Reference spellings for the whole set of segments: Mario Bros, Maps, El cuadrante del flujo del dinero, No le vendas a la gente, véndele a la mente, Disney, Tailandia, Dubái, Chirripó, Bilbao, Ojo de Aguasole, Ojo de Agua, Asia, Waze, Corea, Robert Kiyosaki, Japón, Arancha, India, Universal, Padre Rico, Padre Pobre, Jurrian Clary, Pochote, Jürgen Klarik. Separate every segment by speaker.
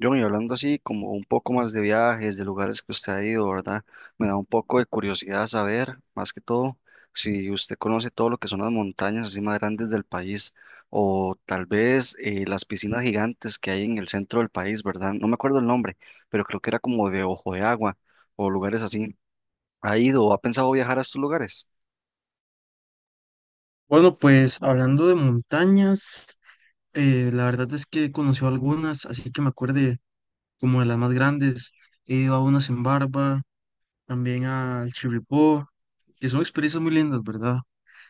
Speaker 1: John, y hablando así como un poco más de viajes, de lugares que usted ha ido, ¿verdad? Me da un poco de curiosidad saber, más que todo, si usted conoce todo lo que son las montañas así más grandes del país o tal vez las piscinas gigantes que hay en el centro del país, ¿verdad? No me acuerdo el nombre, pero creo que era como de Ojo de Agua o lugares así. ¿Ha ido o ha pensado viajar a estos lugares?
Speaker 2: Bueno, pues hablando de montañas, la verdad es que conoció algunas, así que me acuerde como de las más grandes. He ido a unas en Barba, también al Chirripó, que son experiencias muy lindas, ¿verdad?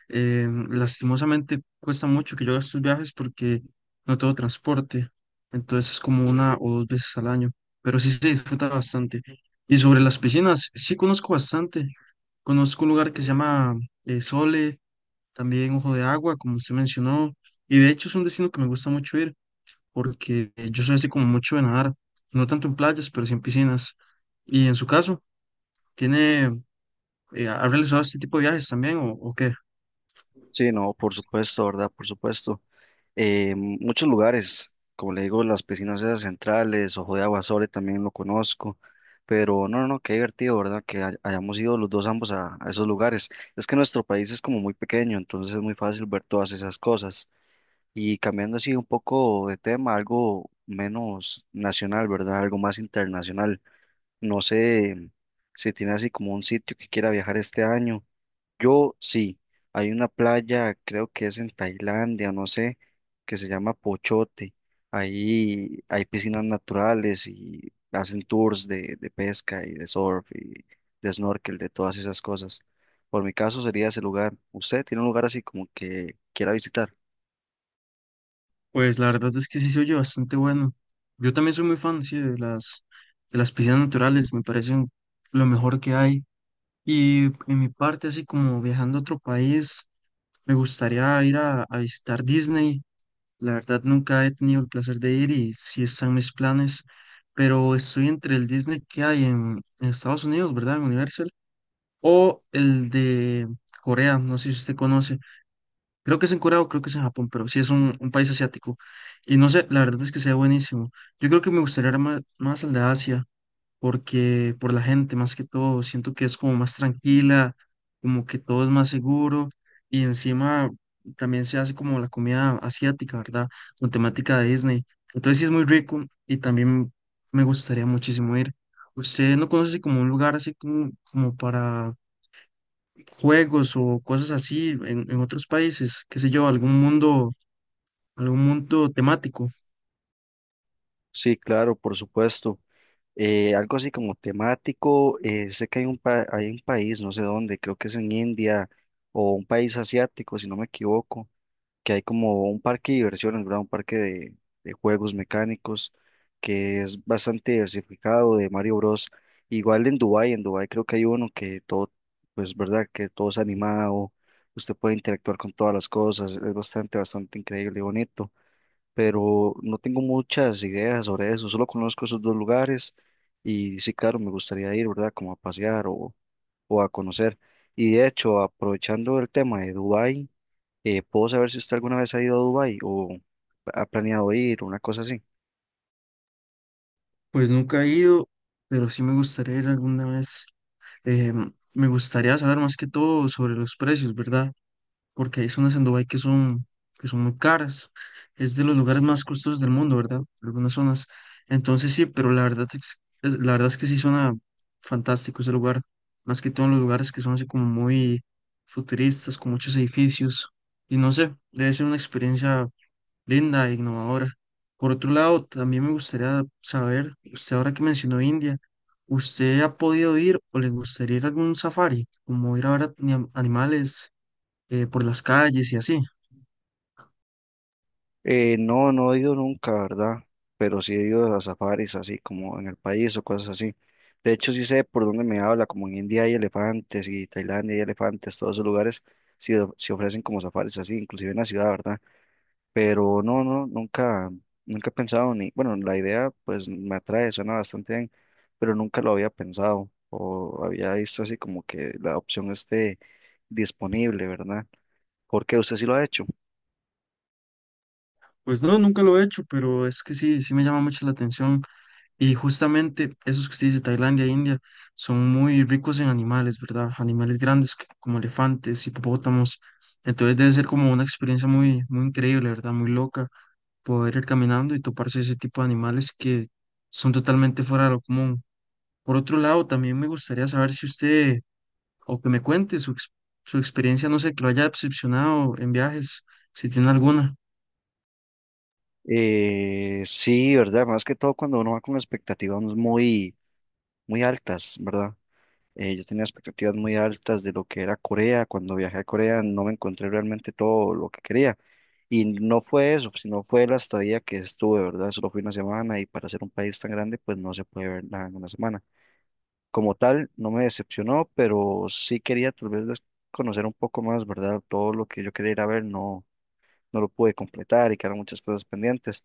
Speaker 2: Lastimosamente cuesta mucho que yo haga estos viajes porque no tengo transporte, entonces es como una o dos veces al año, pero sí se disfruta bastante. Y sobre las piscinas, sí conozco bastante. Conozco un lugar que se llama Sole, también Ojo de Agua, como usted mencionó, y de hecho es un destino que me gusta mucho ir, porque yo soy así como mucho de nadar, no tanto en playas, pero sí en piscinas. Y en su caso, ¿tiene, ha realizado este tipo de viajes también o qué?
Speaker 1: Sí, no, por supuesto, ¿verdad? Por supuesto. Muchos lugares, como le digo, las piscinas esas centrales, Ojo de Aguasole también lo conozco, pero no, qué divertido, ¿verdad? Que hayamos ido los dos ambos a esos lugares. Es que nuestro país es como muy pequeño, entonces es muy fácil ver todas esas cosas. Y cambiando así un poco de tema, algo menos nacional, ¿verdad? Algo más internacional. No sé si tiene así como un sitio que quiera viajar este año. Yo sí, hay una playa, creo que es en Tailandia, no sé, que se llama Pochote. Ahí hay piscinas naturales y hacen tours de pesca y de surf y de snorkel, de todas esas cosas. Por mi caso sería ese lugar. ¿Usted tiene un lugar así como que quiera visitar?
Speaker 2: Pues la verdad es que sí se oye bastante bueno. Yo también soy muy fan, sí, de las piscinas naturales, me parecen lo mejor que hay. Y en mi parte, así como viajando a otro país, me gustaría ir a visitar Disney. La verdad, nunca he tenido el placer de ir y sí están mis planes, pero estoy entre el Disney que hay en Estados Unidos, ¿verdad? En Universal, o el de Corea, no sé si usted conoce. Creo que es en Corea o creo que es en Japón, pero sí es un país asiático. Y no sé, la verdad es que sea buenísimo. Yo creo que me gustaría más, más al de Asia porque por la gente más que todo, siento que es como más tranquila, como que todo es más seguro y encima también se hace como la comida asiática, ¿verdad? Con temática de Disney. Entonces sí es muy rico y también me gustaría muchísimo ir. ¿Usted no conoce como un lugar así como, como para juegos o cosas así en otros países? ¿Qué sé yo? Algún mundo temático?
Speaker 1: Sí, claro, por supuesto. Algo así como temático, sé que hay un, hay un país, no sé dónde, creo que es en India o un país asiático, si no me equivoco, que hay como un parque de diversiones, ¿verdad? Un parque de juegos mecánicos que es bastante diversificado de Mario Bros. Igual en Dubái creo que hay uno que todo, pues, ¿verdad? Que todo es animado, usted puede interactuar con todas las cosas, es bastante, bastante increíble y bonito, pero no tengo muchas ideas sobre eso, solo conozco esos dos lugares y sí, claro, me gustaría ir, ¿verdad? Como a pasear o a conocer. Y de hecho, aprovechando el tema de Dubái, ¿puedo saber si usted alguna vez ha ido a Dubái o ha planeado ir, una cosa así?
Speaker 2: Pues nunca he ido, pero sí me gustaría ir alguna vez. Eh, me gustaría saber más que todo sobre los precios, ¿verdad? Porque hay zonas en Dubái que son muy caras. Es de los lugares más costosos del mundo, ¿verdad? Algunas zonas. Entonces sí, pero la verdad es que sí suena fantástico ese lugar. Más que todo en los lugares que son así como muy futuristas, con muchos edificios. Y no sé, debe ser una experiencia linda e innovadora. Por otro lado, también me gustaría saber, usted ahora que mencionó India, ¿usted ha podido ir o le gustaría ir a algún safari, como ir a ver animales por las calles y así?
Speaker 1: No, no he ido nunca, ¿verdad? Pero sí he ido a safaris, así como en el país o cosas así. De hecho, sí sé por dónde me habla, como en India hay elefantes y Tailandia hay elefantes, todos esos lugares sí, sí ofrecen como safaris así, inclusive en la ciudad, ¿verdad? Pero no, nunca he pensado ni, bueno, la idea pues me atrae, suena bastante bien, pero nunca lo había pensado o había visto así como que la opción esté disponible, ¿verdad? Porque usted sí lo ha hecho.
Speaker 2: Pues no, nunca lo he hecho, pero es que sí, sí me llama mucho la atención. Y justamente esos que usted dice, Tailandia e India, son muy ricos en animales, ¿verdad? Animales grandes como elefantes, hipopótamos. Entonces debe ser como una experiencia muy, muy increíble, ¿verdad? Muy loca poder ir caminando y toparse ese tipo de animales que son totalmente fuera de lo común. Por otro lado, también me gustaría saber si usted, o que me cuente su, su experiencia, no sé, que lo haya decepcionado en viajes, si tiene alguna.
Speaker 1: Sí, ¿verdad? Más que todo cuando uno va con expectativas muy altas, ¿verdad? Yo tenía expectativas muy altas de lo que era Corea. Cuando viajé a Corea no me encontré realmente todo lo que quería. Y no fue eso, sino fue la estadía que estuve, ¿verdad? Solo fui una semana y para ser un país tan grande, pues no se puede ver nada en una semana. Como tal, no me decepcionó, pero sí quería tal vez conocer un poco más, ¿verdad? Todo lo que yo quería ir a ver no, no lo pude completar y quedaron muchas cosas pendientes.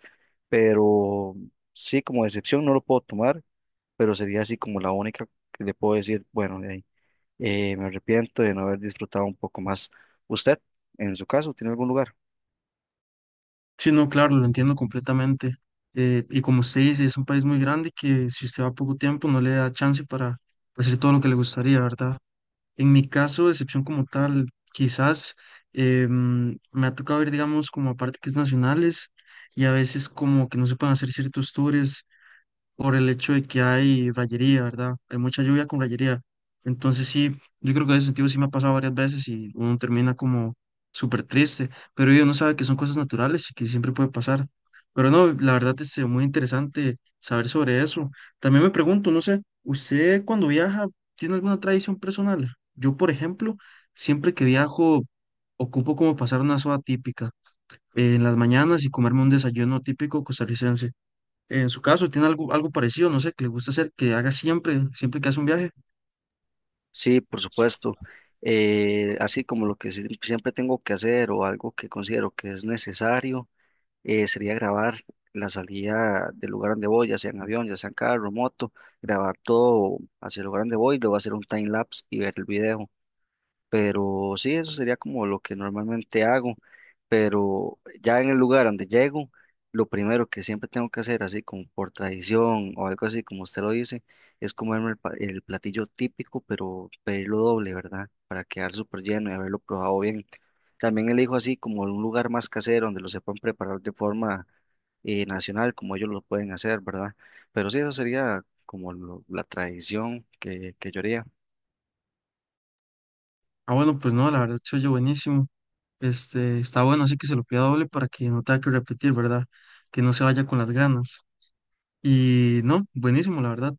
Speaker 1: Pero sí, como decepción no lo puedo tomar, pero sería así como la única que le puedo decir, bueno, de ahí. Me arrepiento de no haber disfrutado un poco más. ¿Usted, en su caso, tiene algún lugar?
Speaker 2: Sí, no, claro, lo entiendo completamente. Y como usted dice, es un país muy grande que si usted va poco tiempo no le da chance para, pues, hacer todo lo que le gustaría, ¿verdad? En mi caso, excepción como tal, quizás me ha tocado ir, digamos, como a parques nacionales y a veces como que no se pueden hacer ciertos tours por el hecho de que hay rayería, ¿verdad? Hay mucha lluvia con rayería. Entonces sí, yo creo que en ese sentido sí me ha pasado varias veces y uno termina como súper triste, pero uno sabe que son cosas naturales y que siempre puede pasar. Pero no, la verdad es muy interesante saber sobre eso. También me pregunto, no sé, ¿usted cuando viaja tiene alguna tradición personal? Yo, por ejemplo, siempre que viajo ocupo como pasar una soda típica en las mañanas y comerme un desayuno típico costarricense. En su caso, ¿tiene algo, algo parecido? No sé, que le gusta hacer, que haga siempre, siempre que hace un viaje.
Speaker 1: Sí, por supuesto. Así como lo que siempre tengo que hacer o algo que considero que es necesario, sería grabar la salida del lugar donde voy, ya sea en avión, ya sea en carro, moto, grabar todo hacia el lugar donde voy, luego hacer un time lapse y ver el video. Pero sí, eso sería como lo que normalmente hago. Pero ya en el lugar donde llego, lo primero que siempre tengo que hacer, así como por tradición o algo así, como usted lo dice, es comerme el, el platillo típico, pero pedirlo doble, ¿verdad? Para quedar súper lleno y haberlo probado bien. También elijo así como un lugar más casero donde lo sepan preparar de forma nacional, como ellos lo pueden hacer, ¿verdad? Pero sí, eso sería como la tradición que yo haría.
Speaker 2: Ah, bueno, pues no, la verdad se oye buenísimo. Este, está bueno, así que se lo pida doble para que no tenga que repetir, ¿verdad? Que no se vaya con las ganas. Y no, buenísimo, la verdad.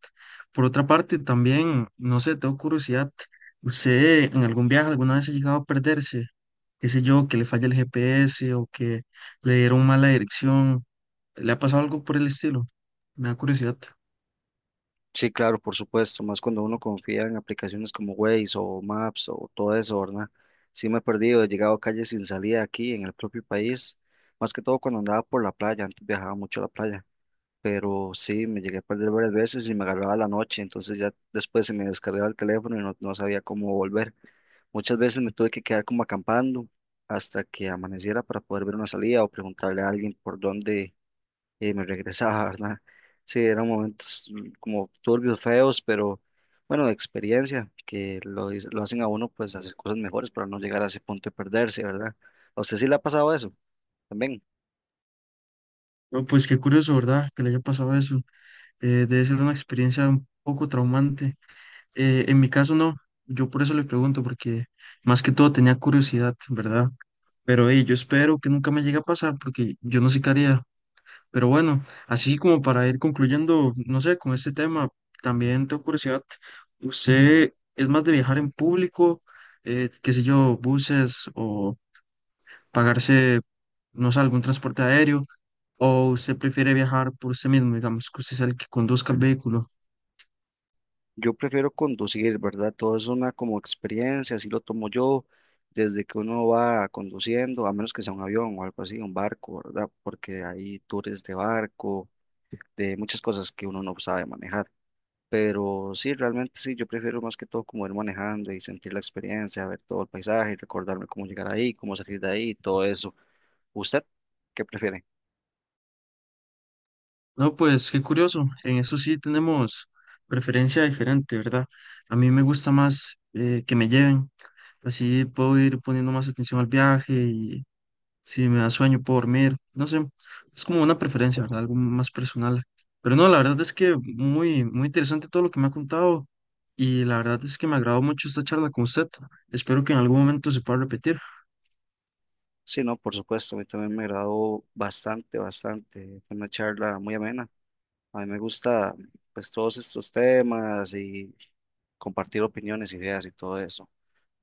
Speaker 2: Por otra parte, también, no sé, tengo curiosidad. ¿Usted en algún viaje alguna vez ha llegado a perderse? ¿Qué sé yo, que le falla el GPS o que le dieron mala dirección? ¿Le ha pasado algo por el estilo? Me da curiosidad.
Speaker 1: Sí, claro, por supuesto, más cuando uno confía en aplicaciones como Waze o Maps o todo eso, ¿verdad? Sí me he perdido, he llegado a calles sin salida aquí en el propio país, más que todo cuando andaba por la playa, antes viajaba mucho a la playa, pero sí, me llegué a perder varias veces y me agarraba la noche, entonces ya después se me descargaba el teléfono y no, no sabía cómo volver. Muchas veces me tuve que quedar como acampando hasta que amaneciera para poder ver una salida o preguntarle a alguien por dónde y me regresaba, ¿verdad? Sí, eran momentos como turbios, feos, pero bueno, de experiencia, que lo, lo hacen a uno pues hacer cosas mejores para no llegar a ese punto de perderse, ¿verdad? ¿A usted sí le ha pasado eso también?
Speaker 2: No, pues qué curioso, ¿verdad? Que le haya pasado eso. Debe ser una experiencia un poco traumante. En mi caso no, yo por eso le pregunto, porque más que todo tenía curiosidad, ¿verdad? Pero yo espero que nunca me llegue a pasar, porque yo no sé qué haría. Pero bueno, así como para ir concluyendo, no sé, con este tema, también tengo curiosidad, ¿usted es más de viajar en público, qué sé yo, buses o pagarse, no sé, algún transporte aéreo? ¿O usted prefiere viajar por usted mismo, digamos, que usted sea el que conduzca el vehículo?
Speaker 1: Yo prefiero conducir, ¿verdad? Todo es una como experiencia, así lo tomo yo, desde que uno va conduciendo, a menos que sea un avión o algo así, un barco, ¿verdad? Porque hay tours de barco, de muchas cosas que uno no sabe manejar. Pero sí, realmente sí, yo prefiero más que todo como ir manejando y sentir la experiencia, ver todo el paisaje, y recordarme cómo llegar ahí, cómo salir de ahí, todo eso. ¿Usted qué prefiere?
Speaker 2: No, pues qué curioso. En eso sí tenemos preferencia diferente, ¿verdad? A mí me gusta más que me lleven. Así puedo ir poniendo más atención al viaje y si me da sueño puedo dormir. No sé, es como una preferencia, ¿verdad? Algo más personal. Pero no, la verdad es que muy, muy interesante todo lo que me ha contado y la verdad es que me agradó mucho esta charla con usted. Espero que en algún momento se pueda repetir.
Speaker 1: Sí, no, por supuesto, a mí también me agradó bastante, bastante. Fue una charla muy amena. A mí me gusta pues todos estos temas y compartir opiniones, ideas y todo eso.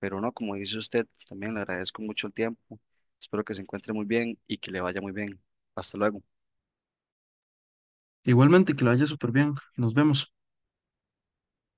Speaker 1: Pero no, como dice usted, también le agradezco mucho el tiempo. Espero que se encuentre muy bien y que le vaya muy bien. Hasta luego.
Speaker 2: Igualmente, que lo haya súper bien. Nos vemos.